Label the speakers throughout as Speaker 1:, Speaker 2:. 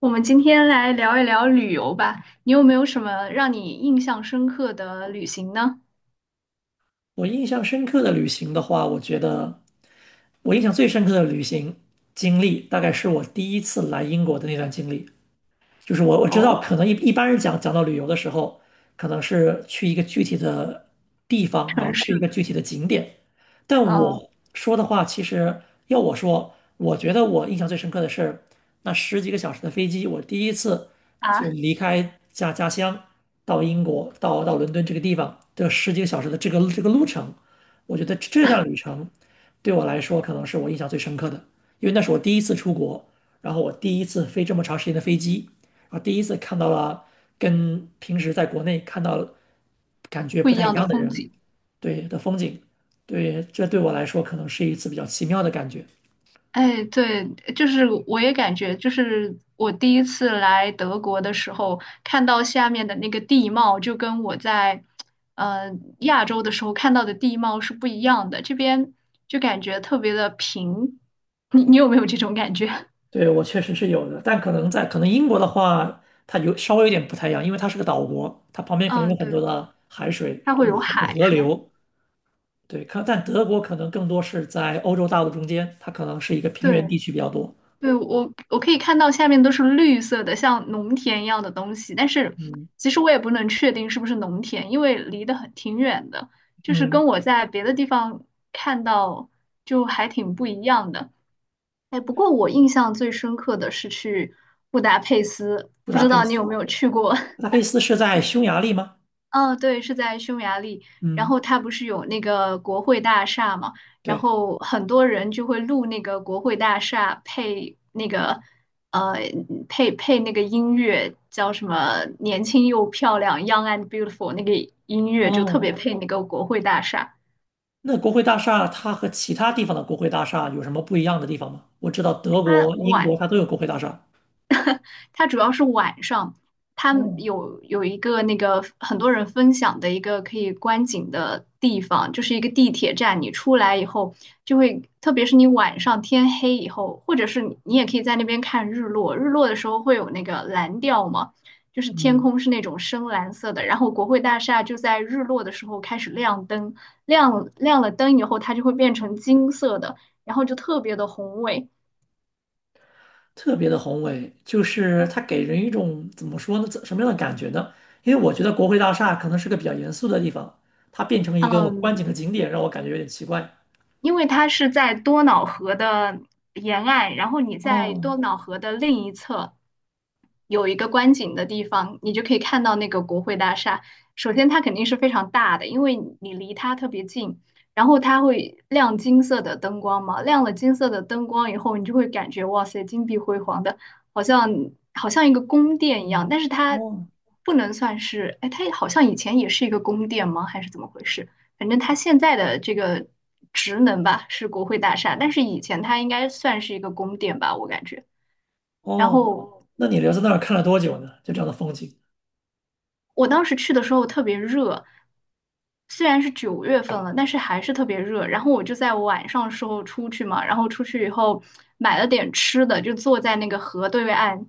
Speaker 1: 我们今天来聊一聊旅游吧。你有没有什么让你印象深刻的旅行呢？
Speaker 2: 我印象深刻的旅行的话，我觉得我印象最深刻的旅行经历，大概是我第一次来英国的那段经历。就是我知道，
Speaker 1: 哦，
Speaker 2: 可能一般人讲到旅游的时候，可能是去一个具体的地方，然
Speaker 1: 城
Speaker 2: 后去一个
Speaker 1: 市，
Speaker 2: 具体的景点。但
Speaker 1: 嗯
Speaker 2: 我说的话，其实要我说，我觉得我印象最深刻的是那十几个小时的飞机，我第一次就
Speaker 1: 啊，
Speaker 2: 离开家乡到英国，到伦敦这个地方的十几个小时的这个路程，我觉得这段旅程对我来说可能是我印象最深刻的，因为那是我第一次出国，然后我第一次飞这么长时间的飞机。然后第一次看到了跟平时在国内看到感觉
Speaker 1: 不
Speaker 2: 不
Speaker 1: 一
Speaker 2: 太一
Speaker 1: 样的
Speaker 2: 样的
Speaker 1: 风
Speaker 2: 人，
Speaker 1: 景。
Speaker 2: 对，的风景，对，这对我来说可能是一次比较奇妙的感觉。
Speaker 1: 哎，对，就是我也感觉，就是我第一次来德国的时候，看到下面的那个地貌，就跟我在呃亚洲的时候看到的地貌是不一样的。这边就感觉特别的平，你有没有这种感觉？
Speaker 2: 对，我确实是有的，但可能英国的话，它有稍微有点不太一样，因为它是个岛国，它旁边可能有
Speaker 1: 嗯，
Speaker 2: 很
Speaker 1: 对，
Speaker 2: 多的海水，
Speaker 1: 它会
Speaker 2: 有
Speaker 1: 有
Speaker 2: 河有
Speaker 1: 海，
Speaker 2: 河
Speaker 1: 是吗？
Speaker 2: 流。对，但德国可能更多是在欧洲大陆中间，它可能是一个平原地
Speaker 1: 对。
Speaker 2: 区比较多。
Speaker 1: 对，我可以看到下面都是绿色的，像农田一样的东西，但是
Speaker 2: 嗯
Speaker 1: 其实我也不能确定是不是农田，因为离得很挺远的，就是
Speaker 2: 嗯，
Speaker 1: 跟我在别的地方看到就还挺不一样的。哎，不过我印象最深刻的是去布达佩斯，
Speaker 2: 布
Speaker 1: 不
Speaker 2: 达
Speaker 1: 知
Speaker 2: 佩
Speaker 1: 道你有
Speaker 2: 斯，
Speaker 1: 没有去过？
Speaker 2: 布 达佩斯是在匈牙利吗？
Speaker 1: 哦，对，是在匈牙利。然
Speaker 2: 嗯，
Speaker 1: 后它不是有那个国会大厦嘛，然
Speaker 2: 对，
Speaker 1: 后很多人就会录那个国会大厦配那个呃配那个音乐，叫什么"年轻又漂亮"（ ”（Young and Beautiful） 那个音乐就特别
Speaker 2: 哦，
Speaker 1: 配那个国会大厦。
Speaker 2: 那国会大厦它和其他地方的国会大厦有什么不一样的地方吗？我知道德
Speaker 1: 它
Speaker 2: 国、英
Speaker 1: 晚
Speaker 2: 国它都有国会大厦。
Speaker 1: 它主要是晚上，它
Speaker 2: 哦，
Speaker 1: 有一个那个很多人分享的一个可以观景的地方，就是一个地铁站。你出来以后，就会特别是你晚上天黑以后，或者是你也可以在那边看日落。日落的时候会有那个蓝调嘛，就是天
Speaker 2: 嗯，
Speaker 1: 空是那种深蓝色的。然后国会大厦就在日落的时候开始亮灯，亮了灯以后，它就会变成金色的，然后就特别的宏伟。
Speaker 2: 特别的宏伟，就是它给人一种怎么说呢，什么样的感觉呢？因为我觉得国会大厦可能是个比较严肃的地方，它变成一个观景
Speaker 1: 嗯，
Speaker 2: 的景点，让我感觉有点奇怪。
Speaker 1: 因为它是在多瑙河的沿岸，然后你在
Speaker 2: 哦，
Speaker 1: 多瑙河的另一侧有一个观景的地方，你就可以看到那个国会大厦。首先，它肯定是非常大的，因为你离它特别近，然后它会亮金色的灯光嘛，亮了金色的灯光以后，你就会感觉哇塞，金碧辉煌的，好像好像一个宫殿一样，
Speaker 2: 嗯，
Speaker 1: 但是它
Speaker 2: 哦，
Speaker 1: 不能算是，哎，它好像以前也是一个宫殿吗？还是怎么回事？反正它现在的这个职能吧是国会大厦，但是以前它应该算是一个宫殿吧，我感觉。然
Speaker 2: 哦，
Speaker 1: 后
Speaker 2: 那你留在那儿看了多久呢？就这样的风景，
Speaker 1: 我当时去的时候特别热，虽然是9月份了，但是还是特别热。然后我就在晚上时候出去嘛，然后出去以后买了点吃的，就坐在那个河对岸，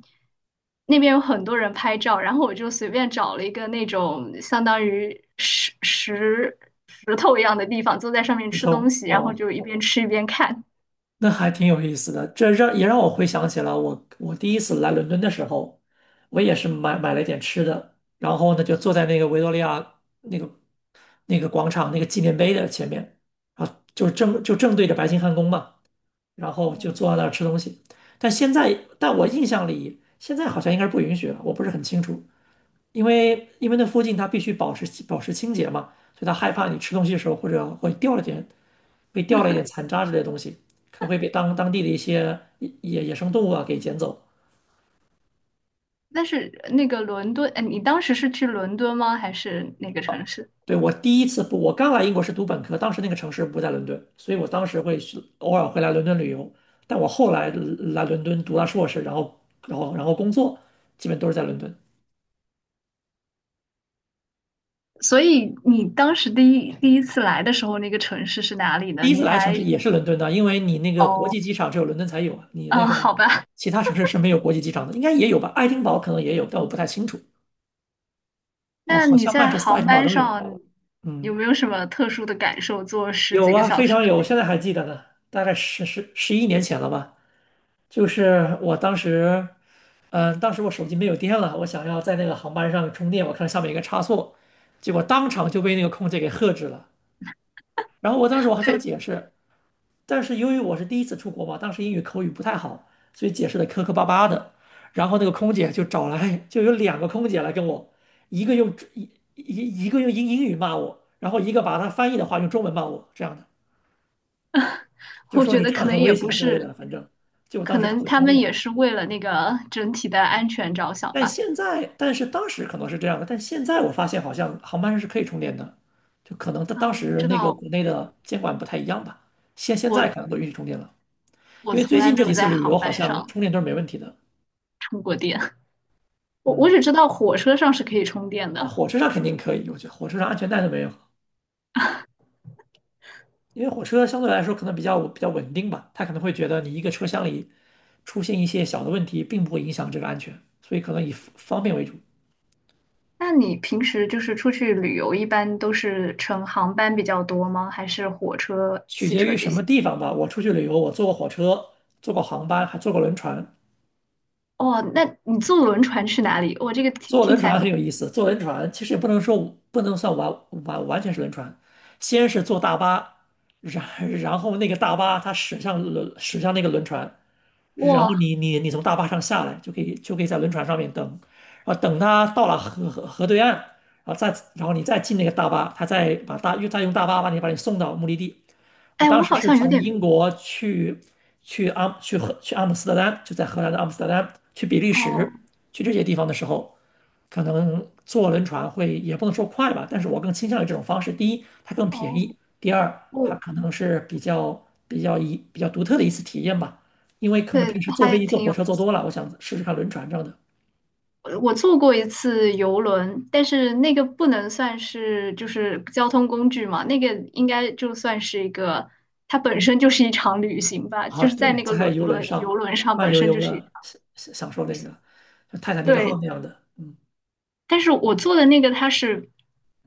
Speaker 1: 那边有很多人拍照，然后我就随便找了一个那种相当于石头一样的地方，坐在上面
Speaker 2: 就
Speaker 1: 吃东
Speaker 2: 错，
Speaker 1: 西，然后
Speaker 2: 哦。
Speaker 1: 就一边吃一边看。
Speaker 2: 那还挺有意思的，也让我回想起了我第一次来伦敦的时候，我也是买了一点吃的，然后呢就坐在那个维多利亚那个那个广场那个纪念碑的前面，啊，后就正就正对着白金汉宫嘛，然后就坐在那儿吃东西。但现在，但我印象里现在好像应该是不允许了，我不是很清楚，因为那附近它必须保持清洁嘛，所以他害怕你吃东西的时候或者会掉了点被掉了一点残渣之类的东西，可能会被当地的一些野生动物啊给捡走。
Speaker 1: 但是那个伦敦，哎，你当时是去伦敦吗？还是哪个城市？
Speaker 2: 对，我第一次不，我刚来英国是读本科，当时那个城市不在伦敦，所以我当时偶尔会来伦敦旅游。但我后来来伦敦读了硕士，然后工作，基本都是在伦敦。
Speaker 1: 所以你当时第一次来的时候，那个城市是哪里呢？
Speaker 2: 第一次
Speaker 1: 你
Speaker 2: 来的城
Speaker 1: 还
Speaker 2: 市也是伦敦的，因为你那个国
Speaker 1: 哦，
Speaker 2: 际机场只有伦敦才有啊，你那
Speaker 1: 嗯，
Speaker 2: 个
Speaker 1: 好吧。
Speaker 2: 其他城市是没有国际机场的，应该也有吧？爱丁堡可能也有，但我不太清楚。哦，
Speaker 1: 那
Speaker 2: 好
Speaker 1: 你
Speaker 2: 像曼
Speaker 1: 在
Speaker 2: 彻斯特、爱
Speaker 1: 航
Speaker 2: 丁堡
Speaker 1: 班
Speaker 2: 都有。
Speaker 1: 上有
Speaker 2: 嗯。
Speaker 1: 没有什么特殊的感受？坐十
Speaker 2: 有
Speaker 1: 几个
Speaker 2: 啊，
Speaker 1: 小
Speaker 2: 非
Speaker 1: 时
Speaker 2: 常有，我现在还记得呢，大概十一年前了吧。就是我当时，当时我手机没有电了，我想要在那个航班上充电，我看上面有个插座，结果当场就被那个空姐给喝止了。然后我
Speaker 1: 的，
Speaker 2: 当时我还想
Speaker 1: 对，
Speaker 2: 解释，但是由于我是第一次出国嘛，当时英语口语不太好，所以解释的磕磕巴巴的。然后那个空姐就找来，就有2个空姐来跟我，一个用一一个用英语骂我，然后一个把她翻译的话用中文骂我，这样的。就
Speaker 1: 我
Speaker 2: 说
Speaker 1: 觉
Speaker 2: 你
Speaker 1: 得
Speaker 2: 这样
Speaker 1: 可能
Speaker 2: 很
Speaker 1: 也
Speaker 2: 危
Speaker 1: 不
Speaker 2: 险之类
Speaker 1: 是，
Speaker 2: 的，反正就我
Speaker 1: 可
Speaker 2: 当时打
Speaker 1: 能
Speaker 2: 算
Speaker 1: 他
Speaker 2: 充
Speaker 1: 们
Speaker 2: 电，
Speaker 1: 也是为了那个整体的安全着想
Speaker 2: 但
Speaker 1: 吧。
Speaker 2: 现在，但是当时可能是这样的，但现在我发现好像航班上是可以充电的，就可能他当
Speaker 1: 啊，我不
Speaker 2: 时
Speaker 1: 知
Speaker 2: 那个
Speaker 1: 道，
Speaker 2: 国内的监管不太一样吧，现在可能
Speaker 1: 我
Speaker 2: 都允许充电了，
Speaker 1: 我
Speaker 2: 因为
Speaker 1: 从
Speaker 2: 最
Speaker 1: 来
Speaker 2: 近
Speaker 1: 没
Speaker 2: 这
Speaker 1: 有
Speaker 2: 几次
Speaker 1: 在
Speaker 2: 旅游
Speaker 1: 航
Speaker 2: 好
Speaker 1: 班
Speaker 2: 像充
Speaker 1: 上
Speaker 2: 电都是没问题的。
Speaker 1: 充过电。我我
Speaker 2: 嗯，
Speaker 1: 只知道火车上是可以充电
Speaker 2: 啊，
Speaker 1: 的。
Speaker 2: 火车上肯定可以，我觉得火车上安全带都没有，因为火车相对来说可能比较稳定吧，他可能会觉得你一个车厢里出现一些小的问题，并不会影响这个安全，所以可能以方便为主，
Speaker 1: 那你平时就是出去旅游，一般都是乘航班比较多吗？还是火车、
Speaker 2: 取
Speaker 1: 汽
Speaker 2: 决
Speaker 1: 车
Speaker 2: 于
Speaker 1: 这
Speaker 2: 什么
Speaker 1: 些？
Speaker 2: 地方吧。我出去旅游，我坐过火车，坐过航班，还坐过轮船。
Speaker 1: 哦，那你坐轮船去哪里？我这个听
Speaker 2: 坐
Speaker 1: 听
Speaker 2: 轮
Speaker 1: 起来
Speaker 2: 船很
Speaker 1: 很
Speaker 2: 有意思，坐轮船其实也不能说不能算完全是轮船，先是坐大巴，然 然后那个大巴它驶向那个轮船，然后
Speaker 1: 哇，
Speaker 2: 你从大巴上下来就可以在轮船上面等，啊等它到了河对岸，然后再然后你再进那个大巴，它再把大又再用大巴把你送到目的地。我
Speaker 1: 哎，
Speaker 2: 当
Speaker 1: 我
Speaker 2: 时
Speaker 1: 好
Speaker 2: 是
Speaker 1: 像有
Speaker 2: 从
Speaker 1: 点
Speaker 2: 英国去阿姆斯特丹，就在荷兰的阿姆斯特丹，去比利时，
Speaker 1: 哦
Speaker 2: 去这些地方的时候，可能坐轮船会也不能说快吧，但是我更倾向于这种方式。第一，它更便
Speaker 1: 哦，
Speaker 2: 宜；第二，它
Speaker 1: 我
Speaker 2: 可能是比较独特的一次体验吧，因为可能
Speaker 1: 对，
Speaker 2: 平时坐飞
Speaker 1: 还
Speaker 2: 机、坐
Speaker 1: 挺
Speaker 2: 火
Speaker 1: 有。
Speaker 2: 车坐多了，我想试试看轮船这样的。
Speaker 1: 我坐过一次游轮，但是那个不能算是就是交通工具嘛，那个应该就算是一个，它本身就是一场旅行吧，
Speaker 2: 啊，
Speaker 1: 就是在
Speaker 2: 对，
Speaker 1: 那个
Speaker 2: 在游轮上
Speaker 1: 游轮上
Speaker 2: 慢
Speaker 1: 本
Speaker 2: 悠
Speaker 1: 身
Speaker 2: 悠
Speaker 1: 就是一场
Speaker 2: 的享受
Speaker 1: 旅
Speaker 2: 那个
Speaker 1: 行。
Speaker 2: 像泰坦尼克号
Speaker 1: 对，
Speaker 2: 那样的，嗯。
Speaker 1: 但是我做的那个它是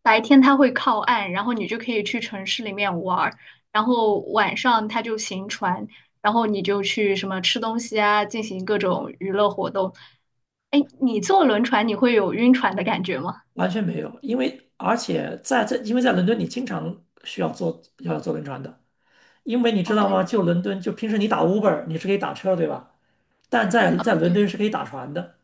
Speaker 1: 白天它会靠岸，然后你就可以去城市里面玩儿，然后晚上它就行船，然后你就去什么吃东西啊，进行各种娱乐活动。哎，你坐轮船你会有晕船的感觉吗？
Speaker 2: 完全没有，因为在伦敦你经常需要坐轮船的，因为你知
Speaker 1: 哦，
Speaker 2: 道
Speaker 1: 对，
Speaker 2: 吗？
Speaker 1: 你
Speaker 2: 就
Speaker 1: 们
Speaker 2: 伦敦，就平时你打 Uber 你是可以打车，对吧？但在伦敦
Speaker 1: 对，
Speaker 2: 是可以打船的。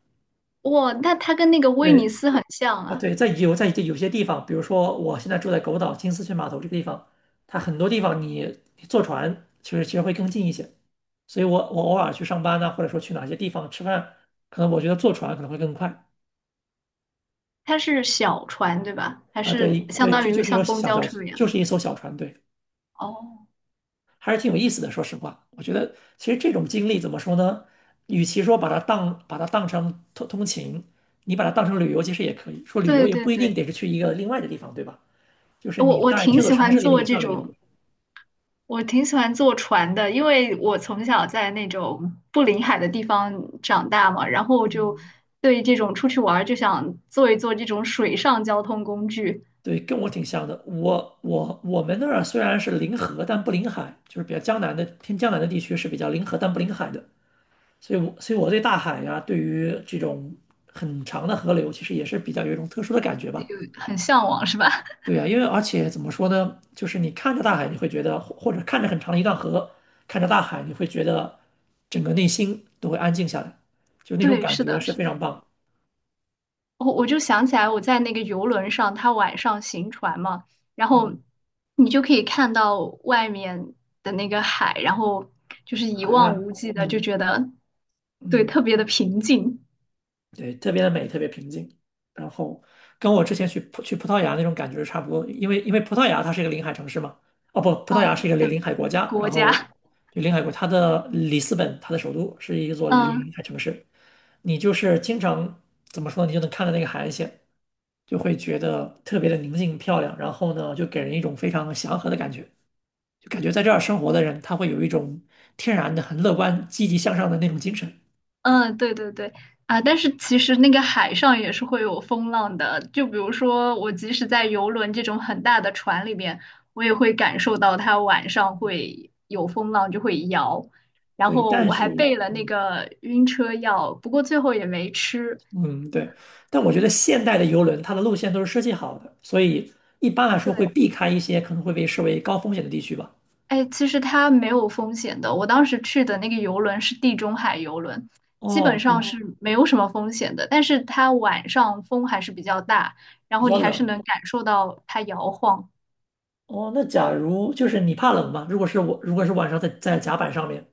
Speaker 1: 哇，那它跟那个威尼
Speaker 2: 对
Speaker 1: 斯很像
Speaker 2: 啊，
Speaker 1: 啊，
Speaker 2: 对，在有些地方，比如说我现在住在狗岛金丝雀码头这个地方，它很多地方你坐船其实会更近一些。所以我偶尔去上班呢，或者说去哪些地方吃饭，可能我觉得坐船可能会更快
Speaker 1: 它是小船对吧？还
Speaker 2: 啊。
Speaker 1: 是
Speaker 2: 对
Speaker 1: 相
Speaker 2: 对，
Speaker 1: 当
Speaker 2: 就就
Speaker 1: 于
Speaker 2: 是一艘
Speaker 1: 像公
Speaker 2: 小
Speaker 1: 交
Speaker 2: 小，
Speaker 1: 车一样？
Speaker 2: 就是一艘小船，对。
Speaker 1: 哦，
Speaker 2: 还是挺有意思的。说实话，我觉得其实这种经历怎么说呢？与其说把它当成通勤，你把它当成旅游其实也可以。说旅游
Speaker 1: 对
Speaker 2: 也
Speaker 1: 对
Speaker 2: 不一定
Speaker 1: 对，
Speaker 2: 得是去一个另外的地方，对吧？就是你
Speaker 1: 我我
Speaker 2: 在
Speaker 1: 挺
Speaker 2: 这座
Speaker 1: 喜
Speaker 2: 城
Speaker 1: 欢
Speaker 2: 市里面
Speaker 1: 坐
Speaker 2: 也
Speaker 1: 这
Speaker 2: 算旅游。
Speaker 1: 种我挺喜欢坐船的，因为我从小在那种不临海的地方长大嘛，然后我就对这种出去玩儿就想坐一坐这种水上交通工具，
Speaker 2: 对，跟我挺像的。我们那儿虽然是临河，但不临海，就是比较江南的偏江南的地区是比较临河但不临海的。所以我对大海呀、对于这种很长的河流，其实也是比较有一种特殊的感觉吧。
Speaker 1: 有很向往，是吧？
Speaker 2: 对呀，因为而且怎么说呢，就是你看着大海，你会觉得，或者看着很长的一段河，看着大海，你会觉得整个内心都会安静下来，就 那种
Speaker 1: 对，
Speaker 2: 感
Speaker 1: 是
Speaker 2: 觉
Speaker 1: 的，
Speaker 2: 是
Speaker 1: 是
Speaker 2: 非
Speaker 1: 的。
Speaker 2: 常棒。
Speaker 1: 我我就想起来我在那个游轮上，它晚上行船嘛，然后
Speaker 2: 嗯，
Speaker 1: 你就可以看到外面的那个海，然后就是一
Speaker 2: 海
Speaker 1: 望
Speaker 2: 岸，
Speaker 1: 无际的，就
Speaker 2: 嗯
Speaker 1: 觉得对特
Speaker 2: 嗯。
Speaker 1: 别的平静。
Speaker 2: 对，特别的美，特别平静。然后跟我之前去葡萄牙那种感觉是差不多，因为葡萄牙它是一个临海城市嘛，哦不，葡萄牙是
Speaker 1: 嗯，
Speaker 2: 一个临海国家，然
Speaker 1: 国家，
Speaker 2: 后对临海国，它的里斯本，它的首都是一座临
Speaker 1: 嗯。
Speaker 2: 海城市，你就是经常怎么说，你就能看到那个海岸线，就会觉得特别的宁静漂亮，然后呢，就给人一种非常祥和的感觉，就感觉在这儿生活的人，他会有一种天然的很乐观、积极向上的那种精神。
Speaker 1: 嗯，对对对，啊，但是其实那个海上也是会有风浪的，就比如说我即使在游轮这种很大的船里面，我也会感受到它晚上会有风浪，就会摇。然
Speaker 2: 对，
Speaker 1: 后
Speaker 2: 但
Speaker 1: 我还
Speaker 2: 是。
Speaker 1: 备了那
Speaker 2: 嗯
Speaker 1: 个晕车药，不过最后也没吃。
Speaker 2: 嗯，对，但我觉得现代的游轮它的路线都是设计好的，所以一般来说会
Speaker 1: 对，
Speaker 2: 避开一些可能会被视为高风险的地区吧。
Speaker 1: 哎，其实它没有风险的。我当时去的那个游轮是地中海游轮，基本
Speaker 2: 哦，
Speaker 1: 上哦
Speaker 2: 比
Speaker 1: 是没有什么风险的。但是它晚上风还是比较大，然
Speaker 2: 比
Speaker 1: 后
Speaker 2: 较
Speaker 1: 你还是
Speaker 2: 冷。
Speaker 1: 能感受到它摇晃。
Speaker 2: 哦，那假如就是你怕冷吗？如果是我，如果是晚上在甲板上面，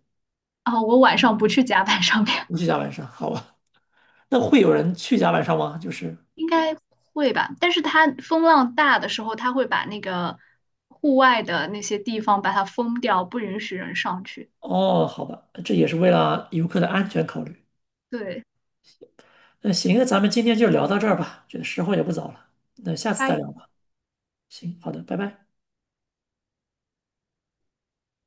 Speaker 1: 啊，我晚上不去甲板上面，
Speaker 2: 不去甲板上，好吧？那会有人去甲板上吗？就是，
Speaker 1: 应该会吧？但是它风浪大的时候，它会把那个户外的那些地方把它封掉，不允许人上去。
Speaker 2: 哦，好吧，这也是为了游客的安全考虑。
Speaker 1: 对，
Speaker 2: 那行，那咱们今天就聊到这儿吧，觉得时候也不早了，那下次
Speaker 1: 它
Speaker 2: 再聊吧。行，好的，拜拜。